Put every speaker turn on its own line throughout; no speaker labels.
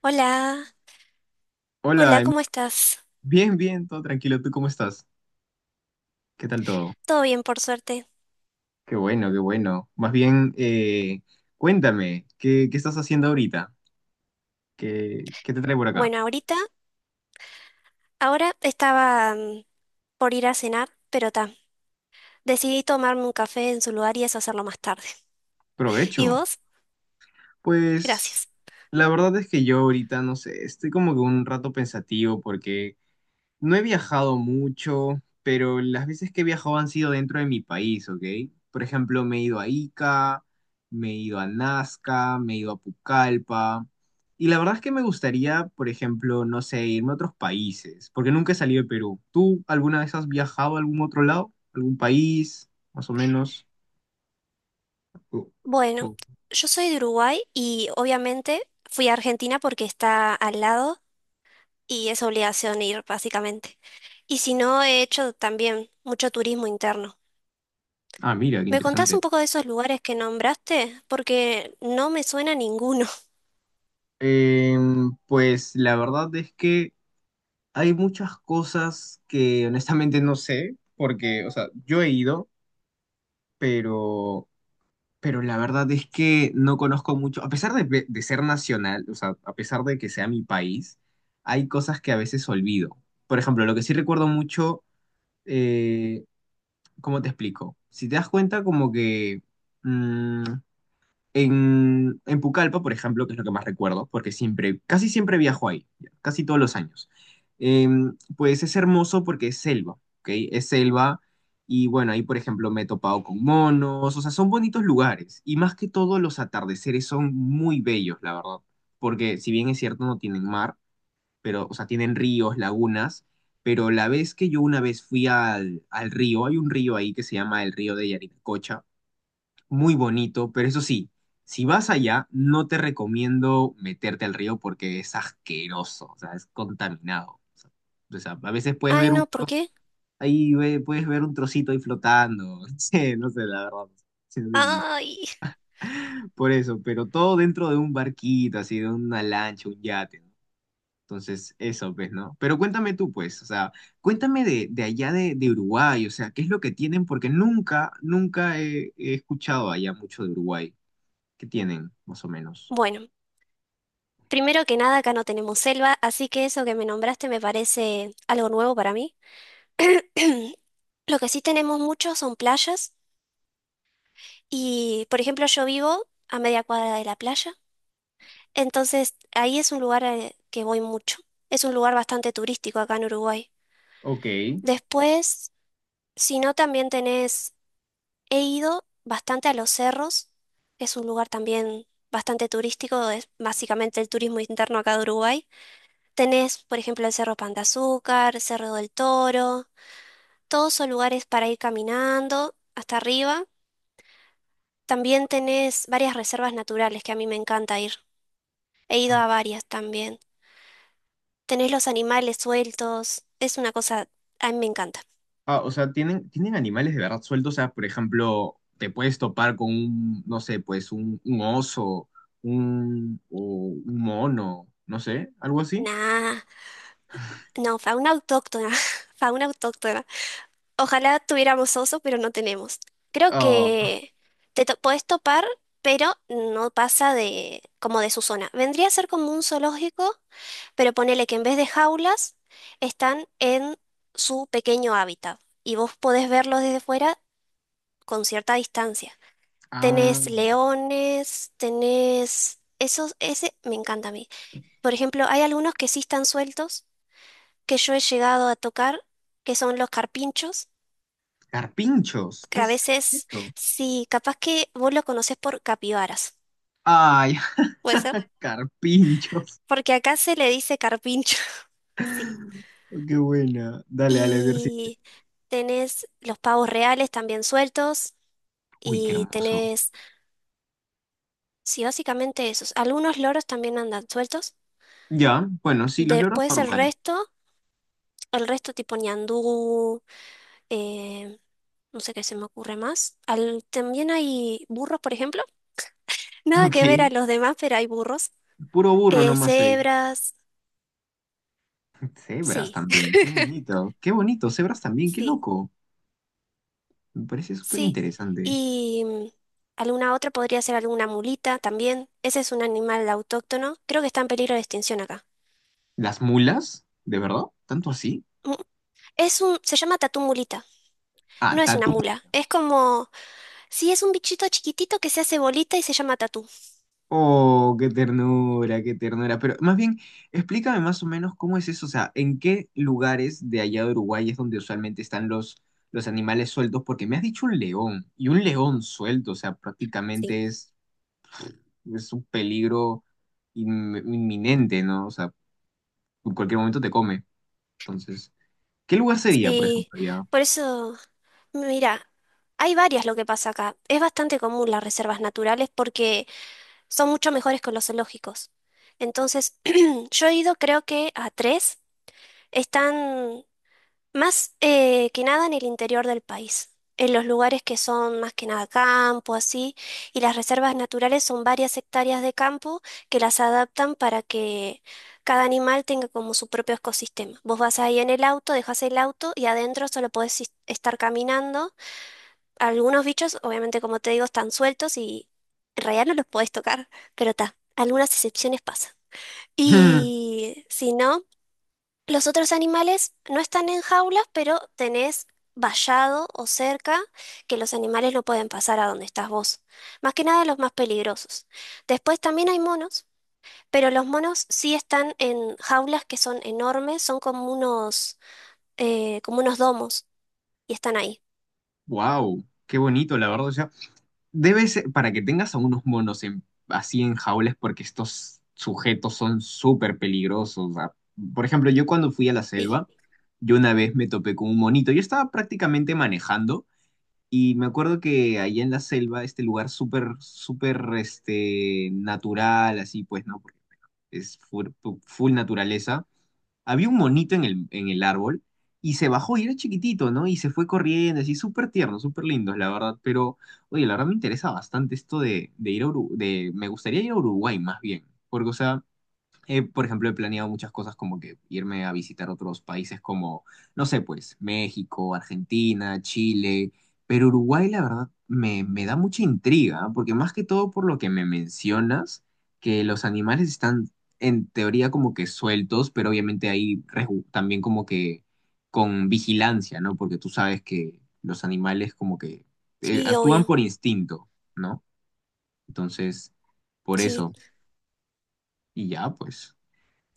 Hola,
Hola,
hola, ¿cómo estás?
Bien, bien, todo tranquilo. ¿Tú cómo estás? ¿Qué tal todo?
Todo bien, por suerte.
Qué bueno, qué bueno. Más bien, cuéntame, ¿qué estás haciendo ahorita? ¿Qué te trae por acá?
Bueno, ahora estaba por ir a cenar, pero ta, decidí tomarme un café en su lugar y eso hacerlo más tarde. ¿Y
Provecho.
vos?
Pues
Gracias.
la verdad es que yo ahorita, no sé, estoy como que un rato pensativo porque no he viajado mucho, pero las veces que he viajado han sido dentro de mi país, ¿ok? Por ejemplo, me he ido a Ica, me he ido a Nazca, me he ido a Pucallpa. Y la verdad es que me gustaría, por ejemplo, no sé, irme a otros países, porque nunca he salido de Perú. ¿Tú alguna vez has viajado a algún otro lado? ¿Algún país, más o menos? Oh,
Bueno,
oh.
yo soy de Uruguay y obviamente fui a Argentina porque está al lado y es obligación ir, básicamente. Y si no, he hecho también mucho turismo interno.
Ah, mira, qué
¿Me contás
interesante.
un poco de esos lugares que nombraste? Porque no me suena ninguno.
Pues la verdad es que hay muchas cosas que honestamente no sé, porque, o sea, yo he ido, pero, pero la verdad es que no conozco mucho, a pesar de ser nacional, o sea, a pesar de que sea mi país, hay cosas que a veces olvido. Por ejemplo, lo que sí recuerdo mucho, eh, ¿cómo te explico? Si te das cuenta, como que mm, en Pucallpa, por ejemplo, que es lo que más recuerdo, porque siempre, casi siempre viajo ahí, ya, casi todos los años. Pues es hermoso porque es selva, ¿ok? Es selva y bueno, ahí por ejemplo me he topado con monos, o sea, son bonitos lugares y más que todo los atardeceres son muy bellos, la verdad, porque si bien es cierto no tienen mar, pero, o sea, tienen ríos, lagunas, pero la vez que yo una vez fui al río, hay un río ahí que se llama el río de Yarinacocha, muy bonito, pero eso sí, si vas allá, no te recomiendo meterte al río porque es asqueroso, o sea, es contaminado. O sea, a veces puedes
Ay,
ver un
no, ¿por
trozo,
qué?
ahí puedes ver un trocito ahí flotando, sí, no sé, la verdad. Sí, sí, sí.
Ay.
Por eso, pero todo dentro de un barquito, así, de una lancha, un yate, ¿no? Entonces, eso, pues, ¿no? Pero cuéntame tú, pues, o sea, cuéntame de allá de Uruguay, o sea, ¿qué es lo que tienen? Porque nunca, nunca he escuchado allá mucho de Uruguay que tienen, más o menos.
Bueno, primero que nada, acá no tenemos selva, así que eso que me nombraste me parece algo nuevo para mí. Lo que sí tenemos mucho son playas y, por ejemplo, yo vivo a media cuadra de la playa, entonces ahí es un lugar al que voy mucho. Es un lugar bastante turístico acá en Uruguay.
Ok.
Después, si no, también tenés, he ido bastante a los cerros, que es un lugar también bastante turístico, es básicamente el turismo interno acá de Uruguay. Tenés, por ejemplo, el Cerro Pan de Azúcar, Cerro del Toro, todos son lugares para ir caminando hasta arriba. También tenés varias reservas naturales que a mí me encanta ir. He ido a varias también. Tenés los animales sueltos, es una cosa, a mí me encanta.
Ah, o sea, tienen animales de verdad sueltos. O sea, por ejemplo, te puedes topar con un, no sé, pues un oso, o un mono, no sé, algo así.
Nah, no, fauna autóctona, fauna autóctona. Ojalá tuviéramos oso, pero no tenemos. Creo
Ah,
que te podés topar, pero no pasa de como de su zona. Vendría a ser como un zoológico pero ponele que en vez de jaulas están en su pequeño hábitat y vos podés verlos desde fuera con cierta distancia.
ah,
Tenés leones, tenés... Esos, ese me encanta a mí. Por ejemplo, hay algunos que sí están sueltos, que yo he llegado a tocar, que son los carpinchos,
carpinchos,
que
¿qué
a
es
veces,
esto?
sí, capaz que vos lo conocés por capibaras.
Ay,
¿Puede ser?
carpinchos.
Porque acá se le dice carpincho, sí.
Oh, qué buena. Dale, dale, a ver si-
Y tenés los pavos reales también sueltos,
Uy, qué
y
hermoso.
tenés, sí, básicamente esos. Algunos loros también andan sueltos.
Ya, bueno, sí, los loros
Después
normal.
el resto tipo ñandú, eh, no sé qué se me ocurre más. También hay burros, por ejemplo. Nada que
Ok,
ver a los demás, pero hay burros.
puro burro nomás ahí.
Cebras,
Cebras
sí,
también, qué bonito, cebras también, qué
sí,
loco. Me parece súper
sí.
interesante.
Y alguna otra podría ser alguna mulita también. Ese es un animal autóctono. Creo que está en peligro de extinción acá.
¿Las mulas? ¿De verdad? ¿Tanto así?
Mm, Es un, se llama tatú mulita. No
Ah,
es una
tatu.
mula. Es como sí, es un bichito chiquitito que se hace bolita y se llama tatú.
Oh, qué ternura, qué ternura. Pero más bien, explícame más o menos cómo es eso, o sea, ¿en qué lugares de allá de Uruguay es donde usualmente están los animales sueltos? Porque me has dicho un león, y un león suelto, o sea,
Sí.
prácticamente es un peligro inminente, ¿no? O sea, en cualquier momento te come. Entonces, ¿qué lugar sería, por
Sí,
ejemplo, allá?
por eso, mira, hay varias lo que pasa acá. Es bastante común las reservas naturales porque son mucho mejores que los zoológicos. Entonces, yo he ido creo que a tres. Están Más que nada en el interior del país, en los lugares que son más que nada campo, así, y las reservas naturales son varias hectáreas de campo que las adaptan para que cada animal tenga como su propio ecosistema. Vos vas ahí en el auto, dejas el auto y adentro solo podés estar caminando. Algunos bichos, obviamente, como te digo, están sueltos y en realidad no los podés tocar, pero ta, algunas excepciones pasan. Y si no... Los otros animales no están en jaulas, pero tenés vallado o cerca que los animales no pueden pasar a donde estás vos. Más que nada los más peligrosos. Después también hay monos, pero los monos sí están en jaulas que son enormes, son como unos domos y están ahí.
Wow, qué bonito, la verdad. O sea, debe ser para que tengas a unos monos así en jaulas, porque estos sujetos son súper peligrosos. O sea, por ejemplo, yo cuando fui a la
Sí,
selva, yo una vez me topé con un monito. Yo estaba prácticamente manejando y me acuerdo que allá en la selva, este lugar súper, súper, natural, así pues, ¿no? Porque es full, full naturaleza. Había un monito en el árbol y se bajó y era chiquitito, ¿no? Y se fue corriendo, así súper tierno, súper lindo, la verdad. Pero, oye, la verdad me interesa bastante esto de ir a Uruguay, me gustaría ir a Uruguay más bien, porque, o sea, por ejemplo, he planeado muchas cosas como que irme a visitar otros países como, no sé, pues México, Argentina, Chile, pero Uruguay la verdad me da mucha intriga, ¿ah? Porque más que todo por lo que me mencionas, que los animales están en teoría como que sueltos, pero obviamente ahí también como que con vigilancia, ¿no? Porque tú sabes que los animales como que
sí,
actúan
obvio.
por instinto, ¿no? Entonces, por
Sí.
eso, y ya, pues.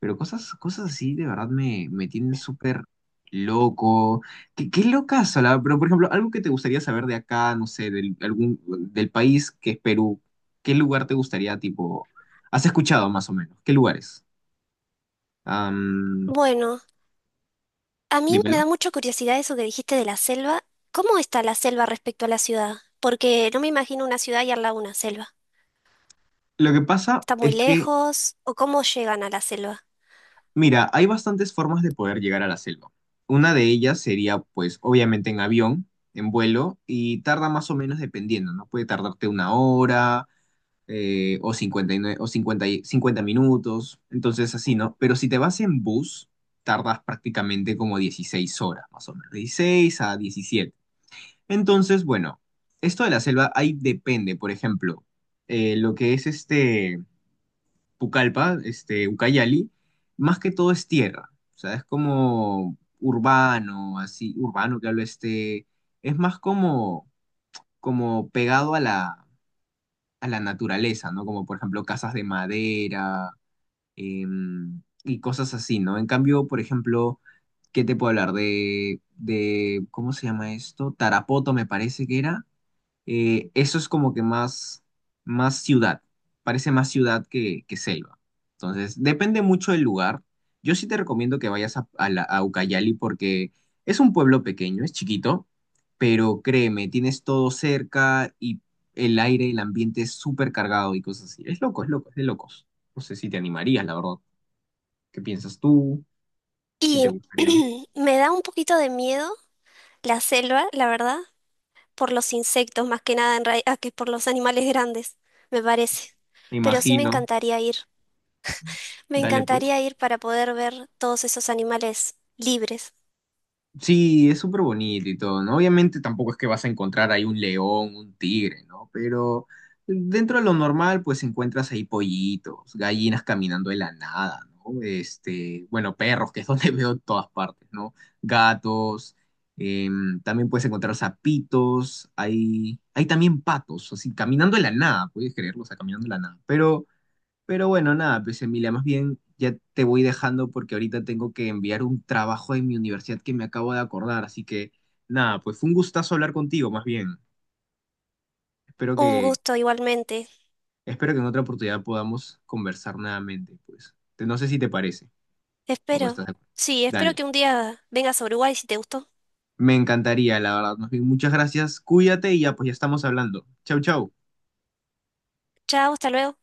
Pero cosas, cosas así de verdad me tienen súper loco. Qué locazo, la- Pero, por ejemplo, algo que te gustaría saber de acá, no sé, del país que es Perú, ¿qué lugar te gustaría, tipo, has escuchado más o menos? ¿Qué lugares? Am,
Bueno, a mí me
dímelo.
da mucha curiosidad eso que dijiste de la selva. ¿Cómo está la selva respecto a la ciudad? Porque no me imagino una ciudad y al lado una selva.
Lo que pasa
¿Está muy
es que,
lejos? ¿O cómo llegan a la selva?
mira, hay bastantes formas de poder llegar a la selva. Una de ellas sería, pues, obviamente en avión, en vuelo, y tarda más o menos dependiendo, ¿no? Puede tardarte una hora o 59, o 50 minutos, entonces así, ¿no? Pero si te vas en bus, tardas prácticamente como 16 horas, más o menos, 16 a 17. Entonces, bueno, esto de la selva ahí depende, por ejemplo, lo que es este Pucallpa, este Ucayali, más que todo es tierra, o sea, es como urbano, así, urbano que hablo es más como pegado a la naturaleza, ¿no? Como por ejemplo casas de madera y cosas así, ¿no? En cambio, por ejemplo, ¿qué te puedo hablar? ¿Cómo se llama esto? Tarapoto me parece que era, eso es como que más, más ciudad, parece más ciudad que selva. Entonces, depende mucho del lugar. Yo sí te recomiendo que vayas a Ucayali porque es un pueblo pequeño, es chiquito, pero créeme, tienes todo cerca y el aire, el ambiente es súper cargado y cosas así. Es loco, es loco, es de locos. No sé si te animarías, la verdad. ¿Qué piensas tú? Si te
Y
gustaría.
me da un poquito de miedo la selva, la verdad, por los insectos más que nada que por los animales grandes, me parece.
Me
Pero sí me
imagino.
encantaría ir. Me
Dale, pues.
encantaría ir para poder ver todos esos animales libres.
Sí, es súper bonito y todo, ¿no? Obviamente tampoco es que vas a encontrar ahí un león, un tigre, ¿no? Pero dentro de lo normal, pues encuentras ahí pollitos, gallinas caminando de la nada, ¿no? Bueno, perros, que es donde veo en todas partes, ¿no? Gatos, también puedes encontrar sapitos, hay también patos, así, caminando de la nada, puedes creerlo, o sea, caminando de la nada. Pero bueno, nada, pues Emilia, más bien ya te voy dejando porque ahorita tengo que enviar un trabajo en mi universidad que me acabo de acordar, así que nada, pues fue un gustazo hablar contigo, más bien. Espero que,
Un gusto igualmente.
espero que en otra oportunidad podamos conversar nuevamente, pues. No sé si te parece o
Espero.
estás de acuerdo.
Sí, espero
Dale,
que un día vengas a Uruguay si te gustó.
me encantaría, la verdad. Más bien, muchas gracias, cuídate y ya, pues ya estamos hablando. Chau, chau.
Chao, hasta luego.